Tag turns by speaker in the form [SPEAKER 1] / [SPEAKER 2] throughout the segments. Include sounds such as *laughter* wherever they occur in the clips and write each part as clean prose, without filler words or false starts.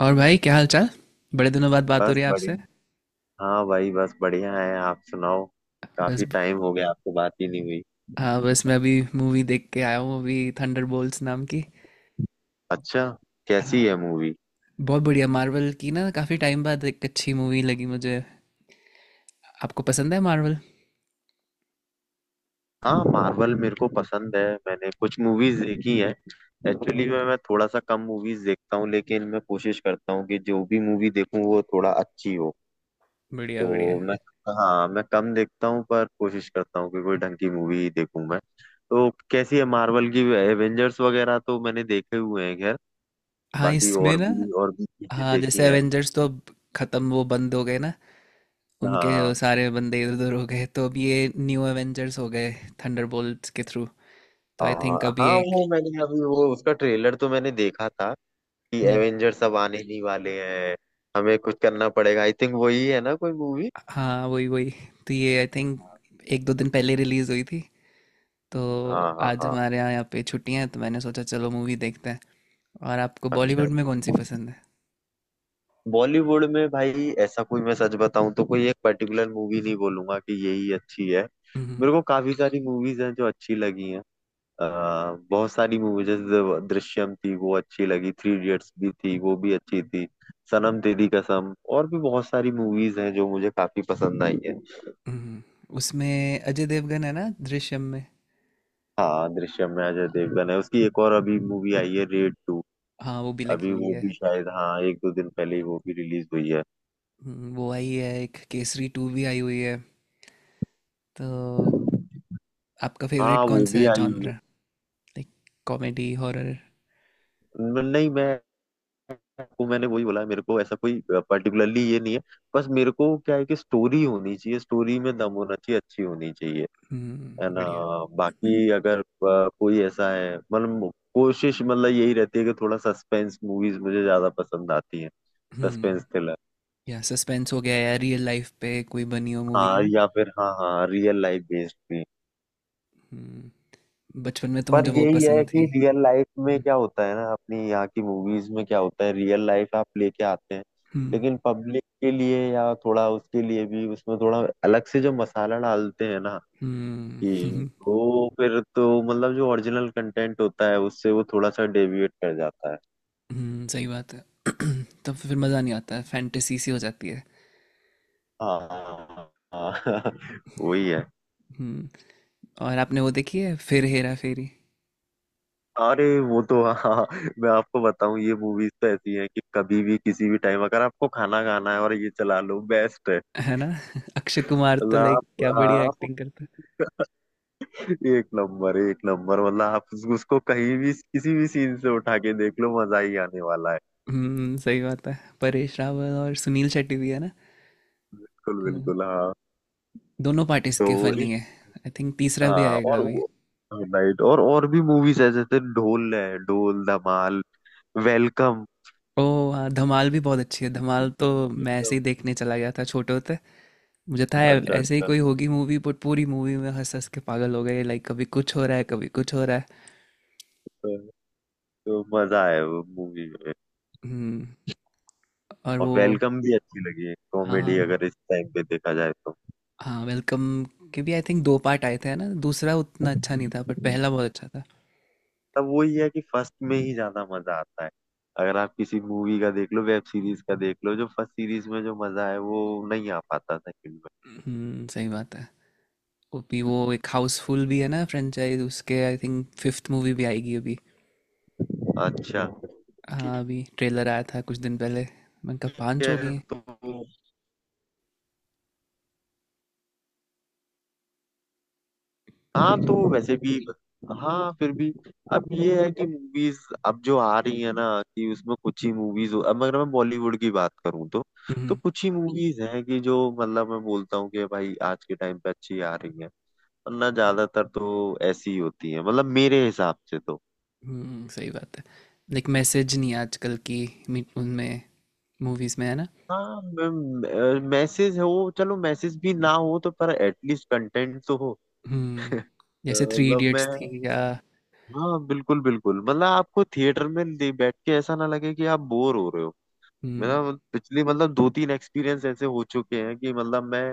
[SPEAKER 1] और भाई क्या हाल चाल। बड़े दिनों बाद बात हो
[SPEAKER 2] बस
[SPEAKER 1] रही है आपसे।
[SPEAKER 2] बढ़िया। हाँ भाई, बस बढ़िया है। आप सुनाओ,
[SPEAKER 1] बस।
[SPEAKER 2] काफी टाइम हो गया आपसे बात ही नहीं हुई।
[SPEAKER 1] हाँ, बस मैं अभी मूवी देख के आया हूँ, अभी थंडरबोल्ट्स नाम की।
[SPEAKER 2] अच्छा,
[SPEAKER 1] हाँ,
[SPEAKER 2] कैसी है मूवी?
[SPEAKER 1] बहुत बढ़िया, मार्वल की ना काफ़ी टाइम बाद एक अच्छी मूवी लगी मुझे। आपको पसंद है मार्वल?
[SPEAKER 2] हाँ, मार्वल मेरे को पसंद है, मैंने कुछ मूवीज देखी है। एक्चुअली मैं थोड़ा सा कम मूवीज देखता हूँ, लेकिन मैं कोशिश करता हूँ कि जो भी मूवी देखूँ वो थोड़ा अच्छी हो।
[SPEAKER 1] बढ़िया बढ़िया।
[SPEAKER 2] तो मैं हाँ, मैं कम देखता हूँ, पर कोशिश करता हूँ कि कोई ढंग की मूवी ही देखूँ मैं। तो कैसी है मार्वल की? एवेंजर्स वगैरह तो मैंने देखे हुए हैं, खैर।
[SPEAKER 1] हाँ।
[SPEAKER 2] बाकी
[SPEAKER 1] इसमें
[SPEAKER 2] और
[SPEAKER 1] ना
[SPEAKER 2] भी और भी चीजें
[SPEAKER 1] हाँ,
[SPEAKER 2] देखी
[SPEAKER 1] जैसे
[SPEAKER 2] हैं।
[SPEAKER 1] एवेंजर्स तो अब खत्म, वो बंद हो गए ना। उनके वो
[SPEAKER 2] हाँ,
[SPEAKER 1] सारे बंदे इधर उधर हो गए तो अब ये न्यू एवेंजर्स हो गए, थंडरबोल्ट्स के थ्रू। तो आई
[SPEAKER 2] हाँ,
[SPEAKER 1] थिंक अभी
[SPEAKER 2] हाँ,
[SPEAKER 1] एक।
[SPEAKER 2] वो मैंने अभी वो उसका ट्रेलर तो मैंने देखा था कि
[SPEAKER 1] हम्म।
[SPEAKER 2] एवेंजर सब आने ही वाले हैं। हमें कुछ करना पड़ेगा, आई थिंक, वही है ना कोई मूवी।
[SPEAKER 1] हाँ, वही वही। तो ये आई थिंक एक दो दिन पहले रिलीज हुई थी। तो
[SPEAKER 2] हाँ, हाँ,
[SPEAKER 1] आज
[SPEAKER 2] हाँ।
[SPEAKER 1] हमारे यहाँ यहाँ पे छुट्टियां हैं, तो मैंने सोचा चलो मूवी देखते हैं। और आपको
[SPEAKER 2] अच्छा,
[SPEAKER 1] बॉलीवुड में कौन सी पसंद है?
[SPEAKER 2] बॉलीवुड में भाई ऐसा कोई, मैं सच बताऊं तो कोई एक पर्टिकुलर मूवी नहीं बोलूंगा कि यही अच्छी है।
[SPEAKER 1] हम्म।
[SPEAKER 2] मेरे को काफी सारी मूवीज हैं जो अच्छी लगी हैं। अ, बहुत सारी मूवीज, जैसे दृश्यम थी वो अच्छी लगी, थ्री इडियट्स भी थी वो भी अच्छी थी। सनम तेरी कसम, और भी बहुत सारी मूवीज हैं जो मुझे काफी पसंद आई है।
[SPEAKER 1] हम्म। उसमें अजय देवगन है ना, दृश्यम में?
[SPEAKER 2] हाँ, दृश्यम में अजय देवगन है। उसकी एक और अभी मूवी आई है, रेड टू।
[SPEAKER 1] हाँ, वो भी लगी
[SPEAKER 2] अभी
[SPEAKER 1] हुई
[SPEAKER 2] वो
[SPEAKER 1] है।
[SPEAKER 2] भी शायद, हाँ, एक दो दिन पहले ही वो भी रिलीज हुई है।
[SPEAKER 1] वो आई है। एक केसरी टू भी आई हुई है। तो आपका
[SPEAKER 2] हाँ,
[SPEAKER 1] फेवरेट कौन
[SPEAKER 2] वो
[SPEAKER 1] सा
[SPEAKER 2] भी
[SPEAKER 1] है
[SPEAKER 2] आई हुई
[SPEAKER 1] जॉनर?
[SPEAKER 2] है।
[SPEAKER 1] Like comedy, horror?
[SPEAKER 2] नहीं, मैं, वो मैंने वही बोला, मेरे को ऐसा कोई पर्टिकुलरली ये नहीं है। बस मेरे को क्या है कि स्टोरी होनी चाहिए, स्टोरी में दम होना चाहिए, अच्छी होनी चाहिए। है
[SPEAKER 1] हम्म,
[SPEAKER 2] ना।
[SPEAKER 1] बढ़िया।
[SPEAKER 2] बाकी अगर कोई ऐसा है, मतलब कोशिश, मतलब यही रहती है कि थोड़ा सस्पेंस मूवीज मुझे ज्यादा पसंद आती हैं।
[SPEAKER 1] हम्म।
[SPEAKER 2] Suspense thriller.
[SPEAKER 1] या सस्पेंस हो गया, या रियल लाइफ पे कोई बनी हो मूवी, है
[SPEAKER 2] हाँ,
[SPEAKER 1] ना?
[SPEAKER 2] या फिर हाँ, हाँ, रियल लाइफ बेस्ड भी।
[SPEAKER 1] हम्म। बचपन में तो
[SPEAKER 2] पर
[SPEAKER 1] मुझे वो
[SPEAKER 2] यही है
[SPEAKER 1] पसंद
[SPEAKER 2] कि
[SPEAKER 1] थी।
[SPEAKER 2] रियल लाइफ में
[SPEAKER 1] हम्म।
[SPEAKER 2] क्या होता है ना, अपनी यहाँ की मूवीज में क्या होता है, रियल लाइफ आप लेके आते हैं।
[SPEAKER 1] हम्म।
[SPEAKER 2] लेकिन पब्लिक के लिए या थोड़ा उसके लिए भी उसमें थोड़ा अलग से जो मसाला डालते हैं ना, कि
[SPEAKER 1] हम्म। *laughs*
[SPEAKER 2] वो फिर तो मतलब जो ओरिजिनल कंटेंट होता है उससे वो थोड़ा सा डेविएट कर जाता है।
[SPEAKER 1] हुँ, सही बात है। *clears throat* तब फिर मज़ा नहीं आता है, फैंटेसी सी हो जाती है।
[SPEAKER 2] हाँ, हाँ, *laughs* वही है।
[SPEAKER 1] हुँ। और आपने वो देखी है फिर, हेरा फेरी?
[SPEAKER 2] अरे वो तो हाँ, हाँ, मैं आपको बताऊं ये मूवीज तो ऐसी हैं कि कभी भी किसी भी टाइम अगर आपको खाना खाना है और ये चला लो, बेस्ट है।
[SPEAKER 1] है ना? *laughs* अक्षय कुमार
[SPEAKER 2] मतलब
[SPEAKER 1] तो लाइक
[SPEAKER 2] आप,
[SPEAKER 1] क्या
[SPEAKER 2] हाँ,
[SPEAKER 1] बढ़िया
[SPEAKER 2] आपको
[SPEAKER 1] एक्टिंग करता है।
[SPEAKER 2] एक नंबर, एक नंबर, मतलब आप उसको कहीं भी किसी भी सीन से उठा के देख लो, मजा ही आने वाला है।
[SPEAKER 1] हुँ, सही बात है। परेश रावल और सुनील शेट्टी भी है ना?
[SPEAKER 2] बिल्कुल,
[SPEAKER 1] तो
[SPEAKER 2] बिल्कुल, हाँ।
[SPEAKER 1] दोनों पार्ट इसके
[SPEAKER 2] तो
[SPEAKER 1] फ़नी है।
[SPEAKER 2] इस-
[SPEAKER 1] आई थिंक तीसरा भी
[SPEAKER 2] हाँ,
[SPEAKER 1] आएगा
[SPEAKER 2] और
[SPEAKER 1] अभी।
[SPEAKER 2] वो, राइट, और भी मूवीज है, जैसे ढोल है, ढोल, धमाल, वेलकम।
[SPEAKER 1] ओह! हाँ, धमाल भी बहुत अच्छी है। धमाल तो मैं ऐसे ही देखने चला गया था छोटे होते। मुझे था ऐ
[SPEAKER 2] अच्छा,
[SPEAKER 1] ऐसे ही
[SPEAKER 2] अच्छा।
[SPEAKER 1] कोई होगी मूवी बट पूरी मूवी में हँस-हँस के पागल हो गए। लाइक कभी कुछ हो रहा है, कभी कुछ हो रहा है।
[SPEAKER 2] तो, तो मजा है वो मूवी में।
[SPEAKER 1] हुँ। और
[SPEAKER 2] और
[SPEAKER 1] वो
[SPEAKER 2] वेलकम भी अच्छी लगी है, कॉमेडी
[SPEAKER 1] हाँ,
[SPEAKER 2] अगर इस टाइम पे देखा जाए तो।
[SPEAKER 1] हाँ, वेलकम के भी आई थिंक 2 पार्ट आए थे, है ना? दूसरा उतना अच्छा नहीं था बट पहला बहुत अच्छा था।
[SPEAKER 2] तब वही है कि फर्स्ट में ही ज्यादा मजा आता है। अगर आप किसी मूवी का देख लो, वेब सीरीज का देख लो, जो फर्स्ट सीरीज में जो मजा है वो नहीं आ पाता सेकंड
[SPEAKER 1] हम्म, सही बात है। वो एक हाउसफुल भी है ना, फ्रेंचाइज उसके आई थिंक फिफ्थ मूवी भी आएगी अभी।
[SPEAKER 2] में। अच्छा,
[SPEAKER 1] हाँ,
[SPEAKER 2] ठीक
[SPEAKER 1] अभी ट्रेलर आया था कुछ दिन पहले। मैंने कहा 5
[SPEAKER 2] है।
[SPEAKER 1] हो गई हैं।
[SPEAKER 2] तो, हाँ,
[SPEAKER 1] सॉरी।
[SPEAKER 2] तो वैसे भी। हाँ, फिर भी। अब ये है कि मूवीज अब जो आ रही है ना, कि उसमें कुछ ही मूवीज, अब अगर मैं बॉलीवुड की बात करूँ तो। तो
[SPEAKER 1] हम्म।
[SPEAKER 2] कुछ ही मूवीज हैं कि जो, मतलब, मैं बोलता हूँ कि भाई आज के टाइम पे अच्छी आ रही है। वरना ज्यादातर तो ऐसी ही होती है, मतलब मेरे हिसाब से तो।
[SPEAKER 1] सही बात है। लाइक मैसेज नहीं है आजकल की। उनमें मूवीज में है ना।
[SPEAKER 2] हाँ, मैसेज हो, चलो मैसेज भी ना हो तो, पर एटलीस्ट कंटेंट तो हो। *laughs*
[SPEAKER 1] हम्म।
[SPEAKER 2] अ,
[SPEAKER 1] जैसे थ्री
[SPEAKER 2] मतलब मैं,
[SPEAKER 1] इडियट्स थी या।
[SPEAKER 2] हाँ, बिल्कुल बिल्कुल, मतलब आपको थिएटर में बैठ के ऐसा ना लगे कि आप बोर हो रहे हो।
[SPEAKER 1] हम्म।
[SPEAKER 2] मेरा मतलब पिछली, मतलब दो तीन एक्सपीरियंस ऐसे हो चुके हैं कि मतलब मैं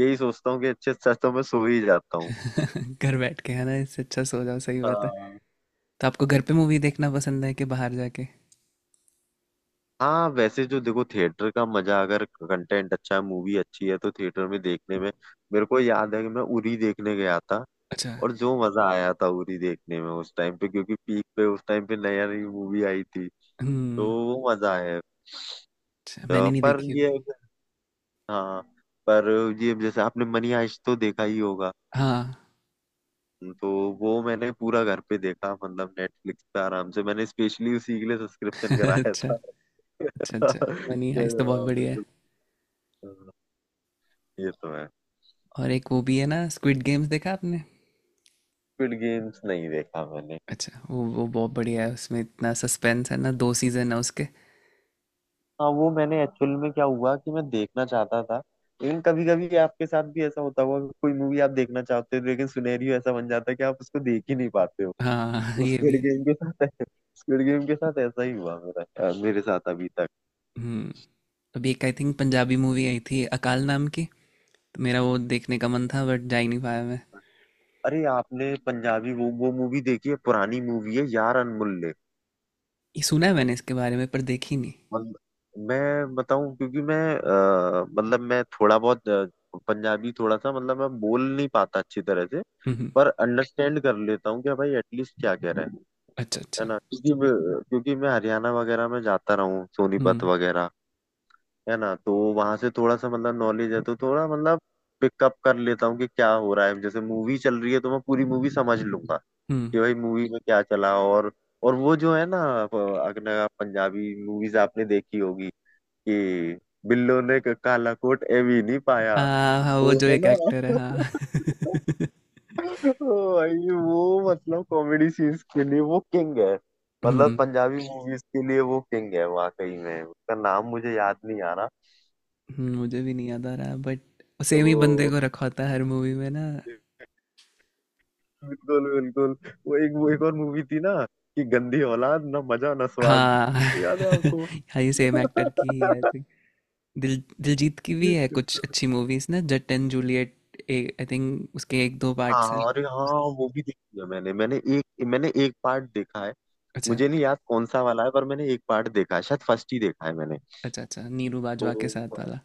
[SPEAKER 2] यही सोचता हूँ कि अच्छे से अच्छा तो मैं सो ही जाता हूँ।
[SPEAKER 1] *laughs* घर बैठ के है ना, इससे अच्छा सो जाओ, सही बात है।
[SPEAKER 2] हाँ,
[SPEAKER 1] तो आपको घर पे मूवी देखना पसंद है कि बाहर जाके?
[SPEAKER 2] हाँ, वैसे जो देखो, थिएटर का मजा, अगर कंटेंट अच्छा है, मूवी अच्छी है, तो थिएटर में देखने में। मेरे को याद है कि मैं उरी देखने गया था।
[SPEAKER 1] अच्छा।
[SPEAKER 2] और जो मजा आया था उरी देखने में उस टाइम पे, क्योंकि पीक पे उस टाइम पे नया, नई मूवी आई थी। तो
[SPEAKER 1] हम्म।
[SPEAKER 2] वो मजा है।
[SPEAKER 1] अच्छा,
[SPEAKER 2] तो
[SPEAKER 1] मैंने नहीं
[SPEAKER 2] पर
[SPEAKER 1] देखी
[SPEAKER 2] ये
[SPEAKER 1] अभी।
[SPEAKER 2] हाँ, पर ये जैसे आपने मनी हाइस्ट तो देखा ही होगा।
[SPEAKER 1] हाँ।
[SPEAKER 2] तो वो मैंने पूरा घर पे देखा, मतलब नेटफ्लिक्स पे आराम से, मैंने स्पेशली उसी के लिए
[SPEAKER 1] *laughs*
[SPEAKER 2] सब्सक्रिप्शन कराया
[SPEAKER 1] अच्छा
[SPEAKER 2] था। *laughs*
[SPEAKER 1] अच्छा। अच्छा, मनी हाइस्ट तो बहुत
[SPEAKER 2] हाँ,
[SPEAKER 1] बढ़िया है।
[SPEAKER 2] बिल्कुल। हाँ, ये तो है।
[SPEAKER 1] और एक वो भी है ना, स्क्विड गेम्स देखा आपने?
[SPEAKER 2] स्क्विड गेम्स नहीं देखा मैंने।
[SPEAKER 1] अच्छा, वो बहुत बढ़िया है, उसमें इतना सस्पेंस है ना, 2 सीजन है उसके।
[SPEAKER 2] हाँ, वो मैंने एक्चुअल में क्या हुआ कि मैं देखना चाहता था, लेकिन कभी कभी आपके साथ भी ऐसा होता होगा कि कोई मूवी आप देखना चाहते हो, लेकिन सिनेरियो ऐसा बन जाता है कि आप उसको देख ही नहीं पाते हो।
[SPEAKER 1] हाँ *laughs* ये
[SPEAKER 2] स्क्विड
[SPEAKER 1] भी है।
[SPEAKER 2] गेम के साथ स्क्विड गेम के साथ ऐसा ही हुआ मेरा। मेरे साथ अभी तक।
[SPEAKER 1] हम्म। अभी एक आई थिंक पंजाबी मूवी आई थी, अकाल नाम की। तो मेरा वो देखने का मन था बट जा ही नहीं पाया मैं।
[SPEAKER 2] अरे आपने पंजाबी वो मूवी देखी है? पुरानी मूवी है यार, अनमुल्ले।
[SPEAKER 1] ये सुना है मैंने इसके बारे में, पर देखी नहीं।
[SPEAKER 2] मतलब मैं बताऊं, क्योंकि मैं, मतलब मैं थोड़ा बहुत, पंजाबी थोड़ा सा, मतलब मैं बोल नहीं पाता अच्छी तरह से।
[SPEAKER 1] हम्म।
[SPEAKER 2] पर अंडरस्टैंड कर लेता हूँ कि भाई एटलीस्ट क्या कह रहा है।
[SPEAKER 1] अच्छा
[SPEAKER 2] है
[SPEAKER 1] अच्छा।
[SPEAKER 2] ना, क्योंकि मैं हरियाणा वगैरह में जाता रहा हूँ, सोनीपत
[SPEAKER 1] हम्म।
[SPEAKER 2] वगैरह। है ना, तो वहां से थोड़ा सा मतलब नॉलेज है, तो थोड़ा मतलब पिकअप कर लेता हूँ कि क्या हो रहा है, जैसे मूवी चल रही है तो मैं पूरी मूवी समझ लूंगा।
[SPEAKER 1] हम्म।
[SPEAKER 2] कि भाई मूवी में क्या चला। और वो जो है ना, प- अपना पंजाबी मूवीज आपने देखी होगी, कि बिल्लो ने काला कोट ए भी नहीं पाया।
[SPEAKER 1] हाँ, हाँ, वो
[SPEAKER 2] वो
[SPEAKER 1] जो
[SPEAKER 2] है
[SPEAKER 1] एक
[SPEAKER 2] ना।
[SPEAKER 1] एक्टर है, हाँ।
[SPEAKER 2] *laughs*
[SPEAKER 1] *laughs*
[SPEAKER 2] भाई, वो मतलब कॉमेडी सीन्स के लिए वो किंग है। मतलब
[SPEAKER 1] हम्म।
[SPEAKER 2] पंजाबी मूवीज के लिए वो किंग है वाकई में, उसका नाम मुझे याद नहीं आ रहा।
[SPEAKER 1] मुझे भी नहीं याद आ रहा बट
[SPEAKER 2] तो
[SPEAKER 1] सेम ही बंदे
[SPEAKER 2] वो,
[SPEAKER 1] को रखा होता है हर मूवी में ना।
[SPEAKER 2] बिल्कुल, बिल्कुल, वो एक और मूवी थी ना, कि गंदी औलाद ना मजा ना स्वाद।
[SPEAKER 1] हाँ।
[SPEAKER 2] याद है आपको
[SPEAKER 1] *laughs* हाँ, ये सेम एक्टर की ही आई
[SPEAKER 2] बिल्कुल।
[SPEAKER 1] थिंक। दिलजीत की भी है कुछ अच्छी मूवीज ना, Jatt and Juliet, I think उसके एक दो
[SPEAKER 2] हाँ,
[SPEAKER 1] पार्ट्स हैं।
[SPEAKER 2] अरे हाँ, वो भी देखी है मैंने। मैंने एक पार्ट देखा है।
[SPEAKER 1] अच्छा।
[SPEAKER 2] मुझे नहीं याद कौन सा वाला है, पर मैंने एक पार्ट देखा है, शायद फर्स्ट ही देखा है मैंने।
[SPEAKER 1] अच्छा अच्छा, नीरू बाजवा के
[SPEAKER 2] तो,
[SPEAKER 1] साथ वाला।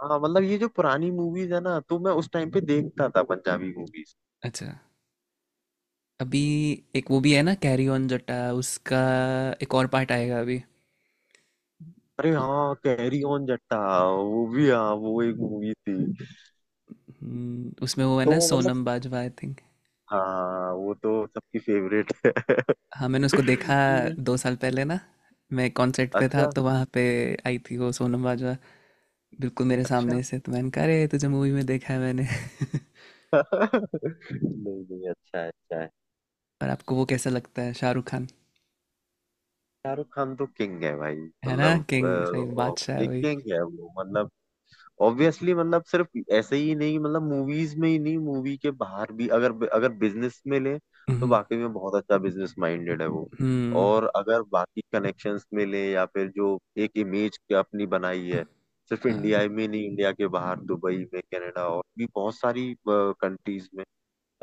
[SPEAKER 2] हाँ, मतलब ये जो पुरानी मूवीज है ना, तो मैं उस टाइम पे देखता था पंजाबी मूवीज।
[SPEAKER 1] अच्छा। अभी एक वो भी है ना कैरी ऑन जटा, उसका एक और पार्ट आएगा अभी।
[SPEAKER 2] अरे हाँ, कैरी ऑन जट्टा, वो भी, हाँ वो एक मूवी थी।
[SPEAKER 1] उसमें वो है ना,
[SPEAKER 2] तो मतलब,
[SPEAKER 1] सोनम बाजवा आई।
[SPEAKER 2] हाँ, वो तो सबकी फेवरेट है। *laughs*
[SPEAKER 1] हाँ, मैंने उसको देखा
[SPEAKER 2] हम्म।
[SPEAKER 1] 2 साल पहले ना। मैं कॉन्सर्ट पे था
[SPEAKER 2] अच्छा,
[SPEAKER 1] तो वहाँ पे आई थी वो सोनम बाजवा, बिल्कुल मेरे
[SPEAKER 2] अच्छा।
[SPEAKER 1] सामने से, तो मैंने कहा अरे, तुझे मूवी में देखा है मैंने।
[SPEAKER 2] *laughs* नहीं, नहीं, अच्छा है, अच्छा है।
[SPEAKER 1] *laughs* और आपको वो कैसा लगता है, शाहरुख खान?
[SPEAKER 2] शाहरुख खान तो किंग है भाई,
[SPEAKER 1] है ना,
[SPEAKER 2] मतलब
[SPEAKER 1] किंग सही, बादशाह है
[SPEAKER 2] ये
[SPEAKER 1] वही।
[SPEAKER 2] किंग है वो, मतलब। ऑब्वियसली, मतलब सिर्फ ऐसे ही नहीं, मतलब मूवीज में ही नहीं, मूवी के बाहर भी, अगर अगर बिजनेस में ले तो
[SPEAKER 1] हम्म।
[SPEAKER 2] वाकई में बहुत अच्छा बिजनेस माइंडेड है वो।
[SPEAKER 1] हम्म।
[SPEAKER 2] और अगर बाकी कनेक्शंस में ले, या फिर जो एक इमेज अपनी बनाई है, सिर्फ
[SPEAKER 1] हाँ,
[SPEAKER 2] इंडिया में नहीं, इंडिया के बाहर दुबई में, कनाडा, और भी बहुत सारी कंट्रीज में।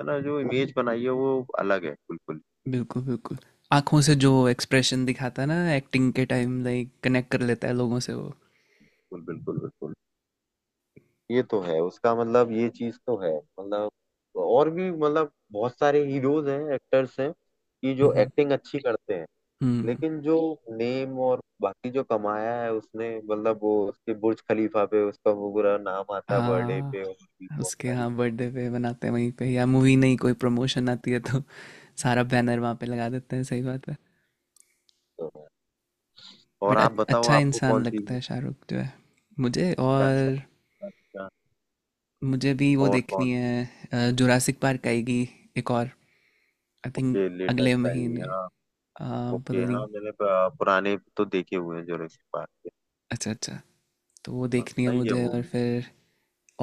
[SPEAKER 2] है ना, जो इमेज बनाई है वो अलग है बिल्कुल।
[SPEAKER 1] बिल्कुल बिल्कुल। आंखों से जो एक्सप्रेशन दिखाता है ना एक्टिंग के टाइम, लाइक कनेक्ट कर लेता है लोगों से वो।
[SPEAKER 2] बिल्कुल, बिल्कुल, बिल्कुल, ये तो है उसका मतलब, ये चीज तो है मतलब। और भी, मतलब बहुत सारे हीरोज हैं, एक्टर्स हैं, कि जो
[SPEAKER 1] हम्म।
[SPEAKER 2] एक्टिंग अच्छी करते हैं।
[SPEAKER 1] हम्म।
[SPEAKER 2] लेकिन जो नेम और बाकी जो कमाया है उसने, मतलब वो उसके बुर्ज खलीफा पे उसका वो पूरा नाम आता है बर्थडे पे, और भी
[SPEAKER 1] हाँ,
[SPEAKER 2] बहुत
[SPEAKER 1] उसके
[SPEAKER 2] सारी
[SPEAKER 1] हाँ बर्थडे पे बनाते हैं वहीं पे, या मूवी नहीं कोई प्रमोशन आती है तो सारा बैनर वहाँ पे लगा देते हैं, सही बात है।
[SPEAKER 2] चीजों में। और
[SPEAKER 1] बट
[SPEAKER 2] आप बताओ,
[SPEAKER 1] अच्छा
[SPEAKER 2] आपको कौन
[SPEAKER 1] इंसान
[SPEAKER 2] सी?
[SPEAKER 1] लगता है, शाहरुख जो है, मुझे।
[SPEAKER 2] अच्छा,
[SPEAKER 1] और
[SPEAKER 2] अच्छा,
[SPEAKER 1] मुझे भी वो
[SPEAKER 2] और कौन?
[SPEAKER 1] देखनी है, जुरासिक पार्क आएगी एक और आई थिंक
[SPEAKER 2] ओके,
[SPEAKER 1] अगले
[SPEAKER 2] लेटेस्ट आई,
[SPEAKER 1] महीने।
[SPEAKER 2] हाँ।
[SPEAKER 1] अ, पता
[SPEAKER 2] ओके, हाँ,
[SPEAKER 1] नहीं।
[SPEAKER 2] मैंने पुराने तो देखे हुए हैं जो ऋषि पार्क के।
[SPEAKER 1] अच्छा अच्छा। तो वो
[SPEAKER 2] हाँ,
[SPEAKER 1] देखनी है
[SPEAKER 2] सही है
[SPEAKER 1] मुझे,
[SPEAKER 2] वो
[SPEAKER 1] और
[SPEAKER 2] भी।
[SPEAKER 1] फिर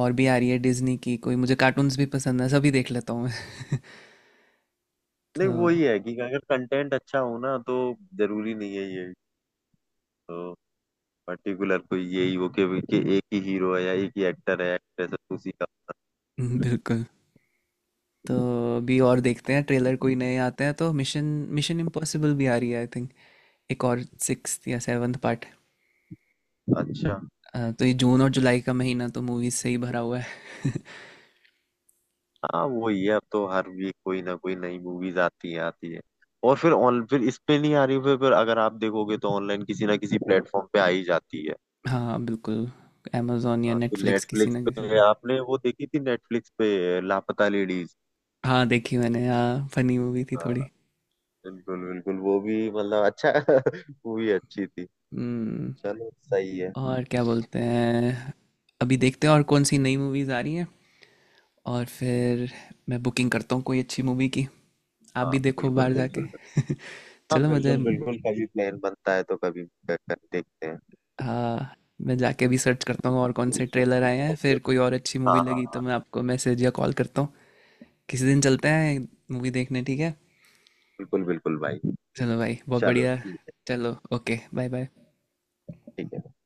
[SPEAKER 1] और भी आ रही है डिज्नी की कोई, मुझे कार्टून्स भी पसंद है, सभी देख लेता हूँ मैं। *laughs*
[SPEAKER 2] नहीं,
[SPEAKER 1] तो
[SPEAKER 2] वो ही है कि अगर कंटेंट अच्छा हो ना, तो जरूरी नहीं है ये, तो पर्टिकुलर कोई यही हो कि एक ही हीरो है या एक ही एक्टर है, एक्ट्रेस है, उसी का।
[SPEAKER 1] बिल्कुल। तो अभी और देखते हैं ट्रेलर कोई नए आते हैं तो, मिशन मिशन इम्पॉसिबल भी आ रही है आई थिंक, एक और सिक्स या सेवन्थ पार्ट।
[SPEAKER 2] अच्छा।
[SPEAKER 1] तो ये जून और जुलाई का महीना तो मूवीज से ही भरा हुआ है।
[SPEAKER 2] हाँ, वो ही है, अब तो हर वीक कोई ना कोई नई मूवीज आती है, आती है। और फिर ऑन, फिर इस पे नहीं आ रही, फिर अगर आप देखोगे तो ऑनलाइन किसी ना किसी प्लेटफॉर्म पे आ ही जाती है।
[SPEAKER 1] हाँ, बिल्कुल। amazon या
[SPEAKER 2] हाँ, तो
[SPEAKER 1] नेटफ्लिक्स किसी
[SPEAKER 2] नेटफ्लिक्स
[SPEAKER 1] ना किसी
[SPEAKER 2] पे
[SPEAKER 1] पे।
[SPEAKER 2] आपने वो देखी थी, नेटफ्लिक्स पे लापता लेडीज।
[SPEAKER 1] हाँ, देखी मैंने, हाँ फनी मूवी थी
[SPEAKER 2] हाँ,
[SPEAKER 1] थोड़ी।
[SPEAKER 2] बिल्कुल, बिल्कुल, वो भी, मतलब, अच्छा। *laughs* मूवी अच्छी थी।
[SPEAKER 1] हम्म।
[SPEAKER 2] चलो, सही है।
[SPEAKER 1] और क्या बोलते हैं, अभी देखते हैं और कौन सी नई मूवीज आ रही हैं, और फिर मैं बुकिंग करता हूँ कोई अच्छी मूवी की, आप
[SPEAKER 2] हाँ,
[SPEAKER 1] भी देखो
[SPEAKER 2] बिल्कुल,
[SPEAKER 1] बाहर
[SPEAKER 2] बिल्कुल,
[SPEAKER 1] जाके।
[SPEAKER 2] बिल्कुल।
[SPEAKER 1] *laughs*
[SPEAKER 2] हाँ,
[SPEAKER 1] चलो मुझे।
[SPEAKER 2] बिल्कुल, बिल्कुल, कभी प्लान बनता है, तो कभी देखते हैं।
[SPEAKER 1] हाँ, मैं जाके भी सर्च करता हूँ और कौन से ट्रेलर आए हैं, फिर कोई और अच्छी
[SPEAKER 2] हाँ,
[SPEAKER 1] मूवी
[SPEAKER 2] हाँ,
[SPEAKER 1] लगी तो
[SPEAKER 2] हाँ,
[SPEAKER 1] मैं आपको मैसेज या कॉल करता हूँ। किसी दिन चलते हैं मूवी देखने, ठीक है।
[SPEAKER 2] बिल्कुल, बिल्कुल भाई,
[SPEAKER 1] चलो भाई, बहुत
[SPEAKER 2] चलो
[SPEAKER 1] बढ़िया।
[SPEAKER 2] ठीक है,
[SPEAKER 1] चलो ओके, बाय बाय।
[SPEAKER 2] ठीक है।